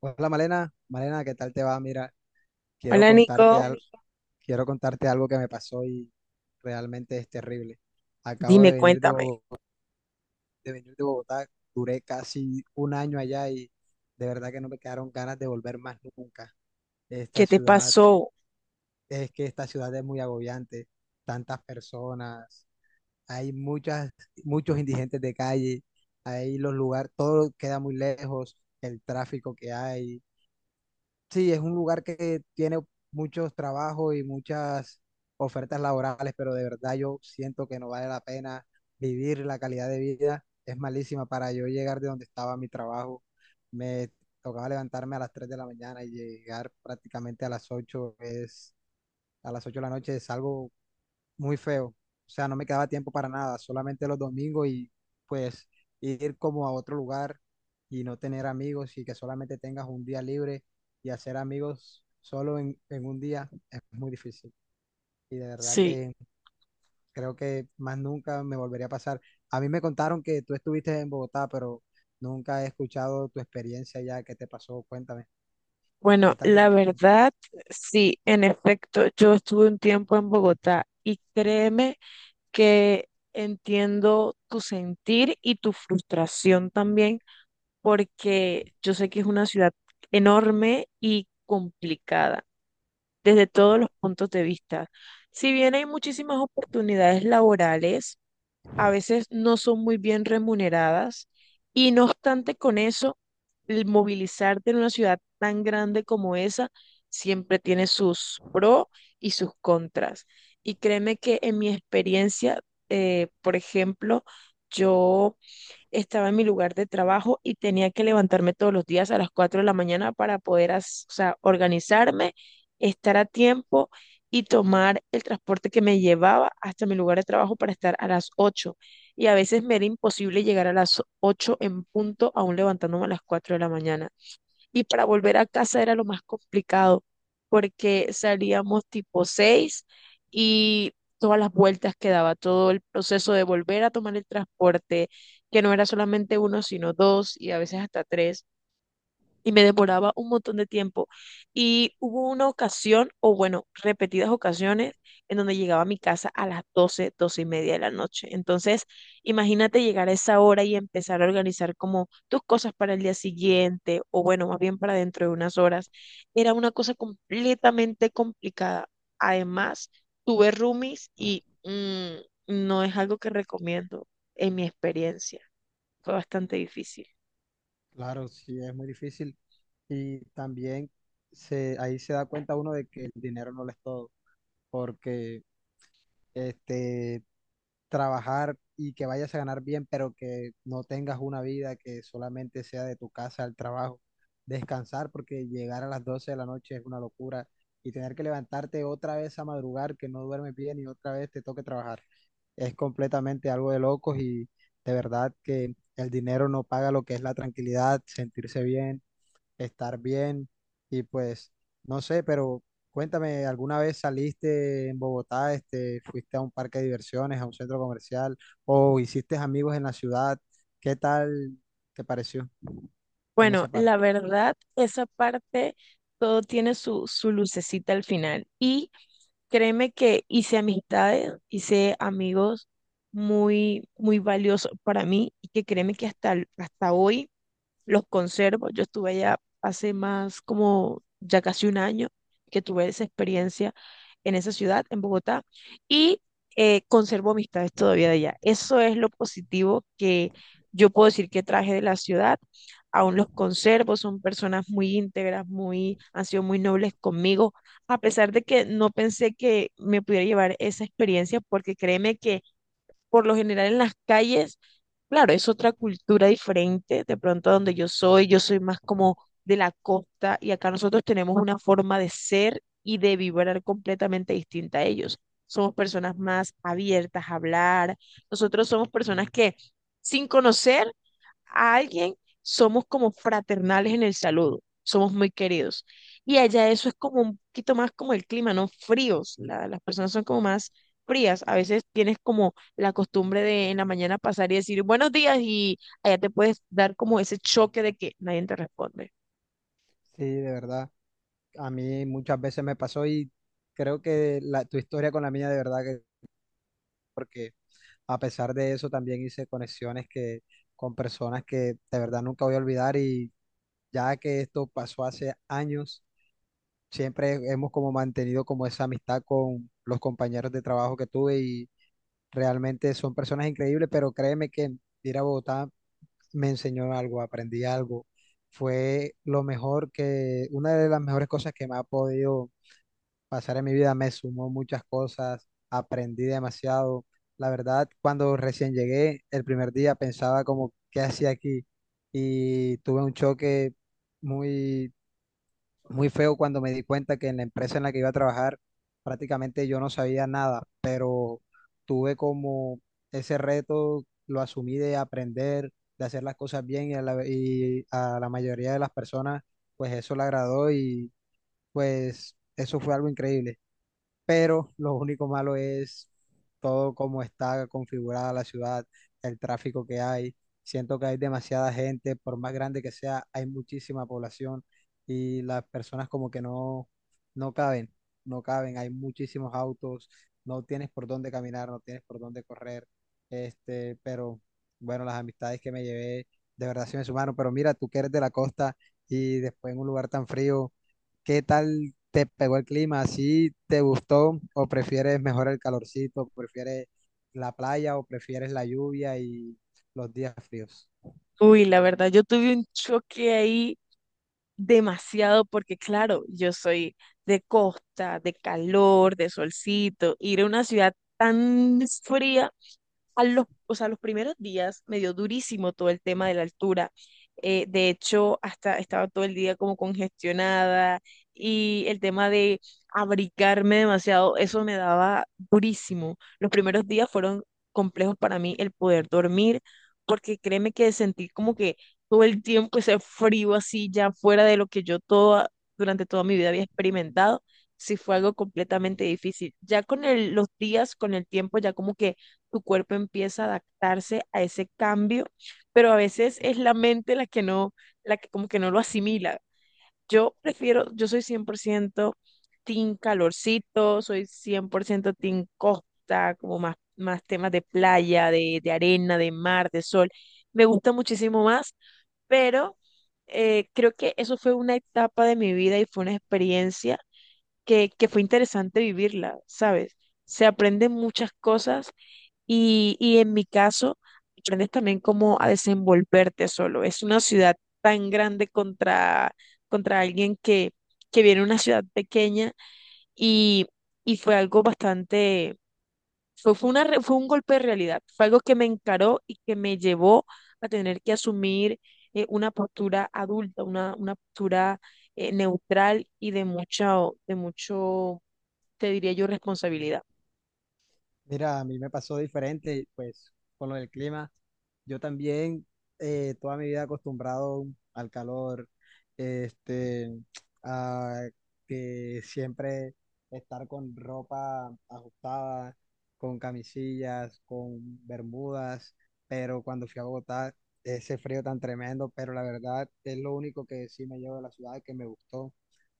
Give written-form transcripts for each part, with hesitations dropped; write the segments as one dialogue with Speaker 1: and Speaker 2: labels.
Speaker 1: Hola Malena, ¿qué tal te va? Mira, quiero
Speaker 2: Hola
Speaker 1: contarte
Speaker 2: Nico,
Speaker 1: algo, Nico. Quiero contarte algo que me pasó y realmente es terrible. Acabo
Speaker 2: dime,
Speaker 1: de venir de
Speaker 2: cuéntame,
Speaker 1: Bogotá, de venir de Bogotá, duré casi un año allá y de verdad que no me quedaron ganas de volver más nunca. Esta
Speaker 2: ¿qué te
Speaker 1: ciudad,
Speaker 2: pasó?
Speaker 1: es que esta ciudad es muy agobiante, tantas personas, hay muchos indigentes de calle, hay los lugares, todo queda muy lejos, el tráfico que hay. Sí, es un lugar que tiene muchos trabajos y muchas ofertas laborales, pero de verdad yo siento que no vale la pena vivir la calidad de vida. Es malísima para yo llegar de donde estaba mi trabajo. Me tocaba levantarme a las 3 de la mañana y llegar prácticamente a las 8 de la noche. Es algo muy feo. O sea, no me quedaba tiempo para nada, solamente los domingos y pues ir como a otro lugar y no tener amigos y que solamente tengas un día libre y hacer amigos solo en un día es muy difícil. Y de verdad
Speaker 2: Sí,
Speaker 1: que creo que más nunca me volvería a pasar. A mí me contaron que tú estuviste en Bogotá, pero nunca he escuchado tu experiencia ya que te pasó. Cuéntame, ¿qué
Speaker 2: bueno,
Speaker 1: tal te
Speaker 2: la
Speaker 1: pareció?
Speaker 2: verdad, sí, en efecto, yo estuve un tiempo en Bogotá y créeme que entiendo tu sentir y tu frustración también, porque yo sé que es una ciudad enorme y complicada desde todos los puntos de vista. Si bien hay muchísimas oportunidades laborales, a veces no son muy bien remuneradas y no obstante con eso, el movilizarte en una ciudad tan grande como esa siempre tiene sus pros y sus contras. Y créeme que en mi experiencia, por ejemplo, yo estaba en mi lugar de trabajo y tenía que levantarme todos los días a las 4 de la mañana para poder, o sea, organizarme, estar a tiempo y tomar el transporte que me llevaba hasta mi lugar de trabajo para estar a las 8. Y a veces me era imposible llegar a las 8 en punto, aún levantándome a las 4 de la mañana, y para volver a casa era lo más complicado porque salíamos tipo 6 y todas las vueltas que daba, todo el proceso de volver a tomar el transporte, que no era solamente uno, sino dos y a veces hasta tres, y me demoraba un montón de tiempo. Y hubo una ocasión, o bueno, repetidas ocasiones, en donde llegaba a mi casa a las 12, 12 y media de la noche. Entonces, imagínate llegar a esa hora y empezar a organizar como tus cosas para el día siguiente, o bueno, más bien para dentro de unas horas. Era una cosa completamente complicada. Además, tuve roomies y no es algo que recomiendo en mi experiencia. Fue bastante difícil.
Speaker 1: Claro, sí, es muy difícil. Y también ahí se da cuenta uno de que el dinero no lo es todo, porque este, trabajar y que vayas a ganar bien, pero que no tengas una vida que solamente sea de tu casa al trabajo, descansar, porque llegar a las 12 de la noche es una locura y tener que levantarte otra vez a madrugar, que no duermes bien y otra vez te toque trabajar, es completamente algo de locos y de verdad que el dinero no paga lo que es la tranquilidad, sentirse bien, estar bien y pues no sé, pero cuéntame, ¿alguna vez saliste en Bogotá, este, fuiste a un parque de diversiones, a un centro comercial o hiciste amigos en la ciudad? ¿Qué tal te pareció en
Speaker 2: Bueno,
Speaker 1: esa parte?
Speaker 2: la verdad, esa parte, todo tiene su lucecita al final. Y créeme que hice amistades, hice amigos muy, muy valiosos para mí y que créeme que hasta hoy los conservo. Yo estuve allá hace más como ya casi un año que tuve esa experiencia en esa ciudad, en Bogotá, y conservo amistades todavía de allá. Eso es lo positivo que yo puedo decir que traje de la ciudad. Aún los conservo, son personas muy íntegras, muy, han sido muy nobles conmigo, a pesar de que no pensé que me pudiera llevar esa experiencia, porque créeme que por lo general en las calles. Claro, es otra cultura diferente, de pronto donde yo soy más como de la costa y acá nosotros tenemos una forma de ser y de vibrar completamente distinta a ellos. Somos personas más abiertas a hablar, nosotros somos personas que sin conocer a alguien, somos como fraternales en el saludo, somos muy queridos. Y allá eso es como un poquito más como el clima, ¿no? Fríos, las personas son como más frías. A veces tienes como la costumbre de en la mañana pasar y decir buenos días y allá te puedes dar como ese choque de que nadie te responde.
Speaker 1: Sí, de verdad, a mí muchas veces me pasó y creo que la, tu historia con la mía de verdad que, porque a pesar de eso también hice conexiones que, con personas que de verdad nunca voy a olvidar y ya que esto pasó hace años, siempre hemos como mantenido como esa amistad con los compañeros de trabajo que tuve y realmente son personas increíbles, pero créeme que ir a Bogotá me enseñó algo, aprendí algo. Fue lo mejor que, una de las mejores cosas que me ha podido pasar en mi vida, me sumó muchas cosas, aprendí demasiado. La verdad, cuando recién llegué, el primer día pensaba como, ¿qué hacía aquí? Y tuve un choque muy muy feo cuando me di cuenta que en la empresa en la que iba a trabajar prácticamente yo no sabía nada, pero tuve como ese reto, lo asumí, de aprender, de hacer las cosas bien, y a la mayoría de las personas pues eso le agradó y pues eso fue algo increíble, pero lo único malo es todo cómo está configurada la ciudad, el tráfico que hay. Siento que hay demasiada gente, por más grande que sea, hay muchísima población y las personas como que no, no caben, no caben, hay muchísimos autos, no tienes por dónde caminar, no tienes por dónde correr, este, pero bueno, las amistades que me llevé de verdad sí me sumaron, pero mira, tú que eres de la costa y después en un lugar tan frío. ¿Qué tal, ¿te pegó el clima? ¿Así te gustó? ¿O prefieres mejor el calorcito? ¿Prefieres la playa o prefieres la lluvia y los días fríos?
Speaker 2: Uy, la verdad, yo tuve un choque ahí demasiado porque claro, yo soy de costa, de calor, de solcito, ir a una ciudad tan fría o sea, los primeros días me dio durísimo todo el tema de la altura. De hecho, hasta estaba todo el día como congestionada y el tema de abrigarme demasiado, eso me daba durísimo. Los primeros días fueron complejos para mí el poder dormir, porque créeme que sentir como que todo el tiempo ese frío así ya fuera de lo que durante toda mi vida había experimentado, sí fue algo completamente difícil. Ya con los días, con el tiempo, ya como que tu cuerpo empieza a adaptarse a ese cambio, pero a veces es la mente la que como que no lo asimila. Yo prefiero, yo soy 100% team calorcito, soy 100% team costa, como más, más temas de playa, de arena, de mar, de sol. Me gusta muchísimo más, pero creo que eso fue una etapa de mi vida y fue una experiencia que fue interesante vivirla, ¿sabes? Se aprenden muchas cosas y en mi caso, aprendes también cómo a desenvolverte solo. Es una ciudad tan contra alguien que viene de una ciudad pequeña y, y fue algo bastante, fue un golpe de realidad, fue algo que me encaró y que me llevó a tener que asumir una postura adulta, una postura neutral y de de mucho, te diría yo, responsabilidad.
Speaker 1: Mira, a mí me pasó diferente, pues con lo del clima. Yo también, toda mi vida acostumbrado al calor, este, a que siempre estar con ropa ajustada, con camisillas, con bermudas, pero cuando fui a Bogotá, ese frío tan tremendo, pero la verdad es lo único que sí me llevo de la ciudad que me gustó,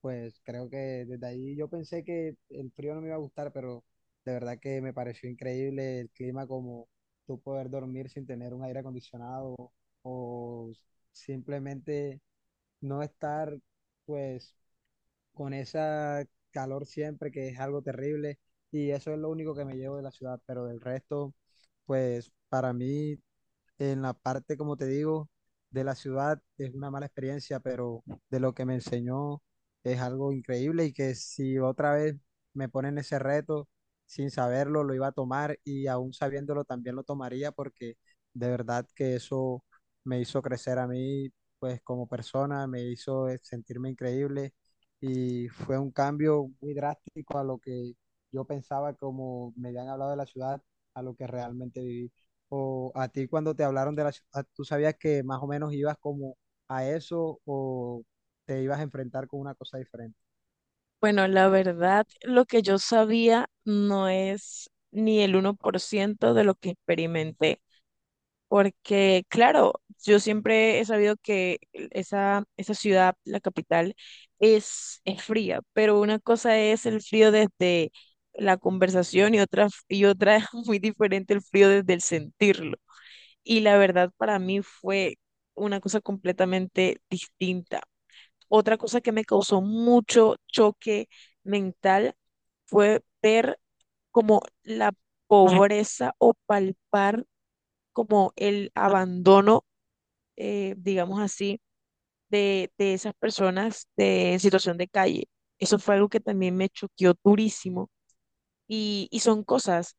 Speaker 1: pues creo que desde ahí yo pensé que el frío no me iba a gustar, pero de verdad que me pareció increíble el clima, como tú poder dormir sin tener un aire acondicionado o simplemente no estar, pues, con esa calor siempre, que es algo terrible. Y eso es lo único que me llevo de la ciudad, pero del resto, pues para mí en la parte, como te digo, de la ciudad es una mala experiencia, pero de lo que me enseñó es algo increíble, y que si otra vez me ponen ese reto sin saberlo, lo iba a tomar, y aún sabiéndolo también lo tomaría, porque de verdad que eso me hizo crecer a mí, pues como persona, me hizo sentirme increíble y fue un cambio muy drástico a lo que yo pensaba, como me habían hablado de la ciudad, a lo que realmente viví, o a ti cuando te hablaron de la ciudad, tú sabías que más o menos ibas como a eso o te ibas a enfrentar con una cosa diferente.
Speaker 2: Bueno, la verdad, lo que yo sabía no es ni el 1% de lo que experimenté, porque claro, yo siempre he sabido que esa ciudad, la capital, es fría, pero una cosa es el frío desde la conversación y otra, y otra es muy diferente el frío desde el sentirlo. Y la verdad para mí fue una cosa completamente distinta. Otra cosa que me causó mucho choque mental fue ver como la pobreza o palpar como el abandono, digamos así, de esas personas en situación de calle. Eso fue algo que también me choqueó durísimo. Y son cosas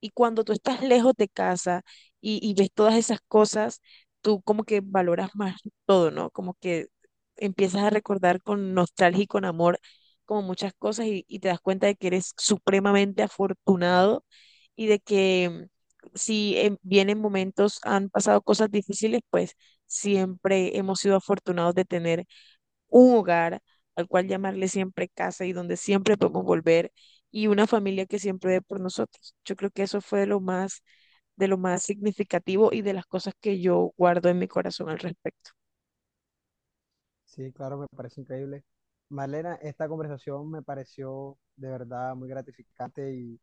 Speaker 2: y cuando tú estás lejos de casa y ves todas esas cosas, tú como que valoras más todo, ¿no? Como que empiezas a recordar con nostalgia y con amor como muchas cosas y te das cuenta de que eres supremamente afortunado y de que si bien en momentos han pasado cosas difíciles, pues siempre hemos sido afortunados de tener un hogar al cual llamarle siempre casa y donde siempre podemos volver y una familia que siempre ve por nosotros. Yo creo que eso fue de lo más significativo y de las cosas que yo guardo en mi corazón al respecto.
Speaker 1: Sí, claro, me parece increíble. Marlena, esta conversación me pareció de verdad muy gratificante y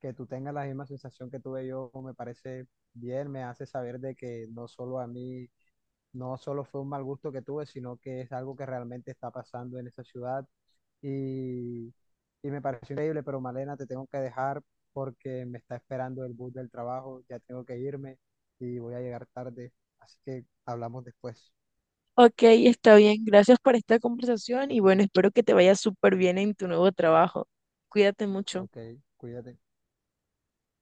Speaker 1: que tú tengas la misma sensación que tuve yo me parece bien, me hace saber de que no solo a mí No Solo fue un mal gusto que tuve, sino que es algo que realmente está pasando en esa ciudad, y, y me pareció increíble, pero Malena, te tengo que dejar porque me está esperando el bus del trabajo, ya tengo que irme y voy a llegar tarde, así que hablamos después.
Speaker 2: Ok, está bien. Gracias por esta conversación y bueno, espero que te vaya súper bien en tu nuevo trabajo. Cuídate mucho.
Speaker 1: Ok, cuídate.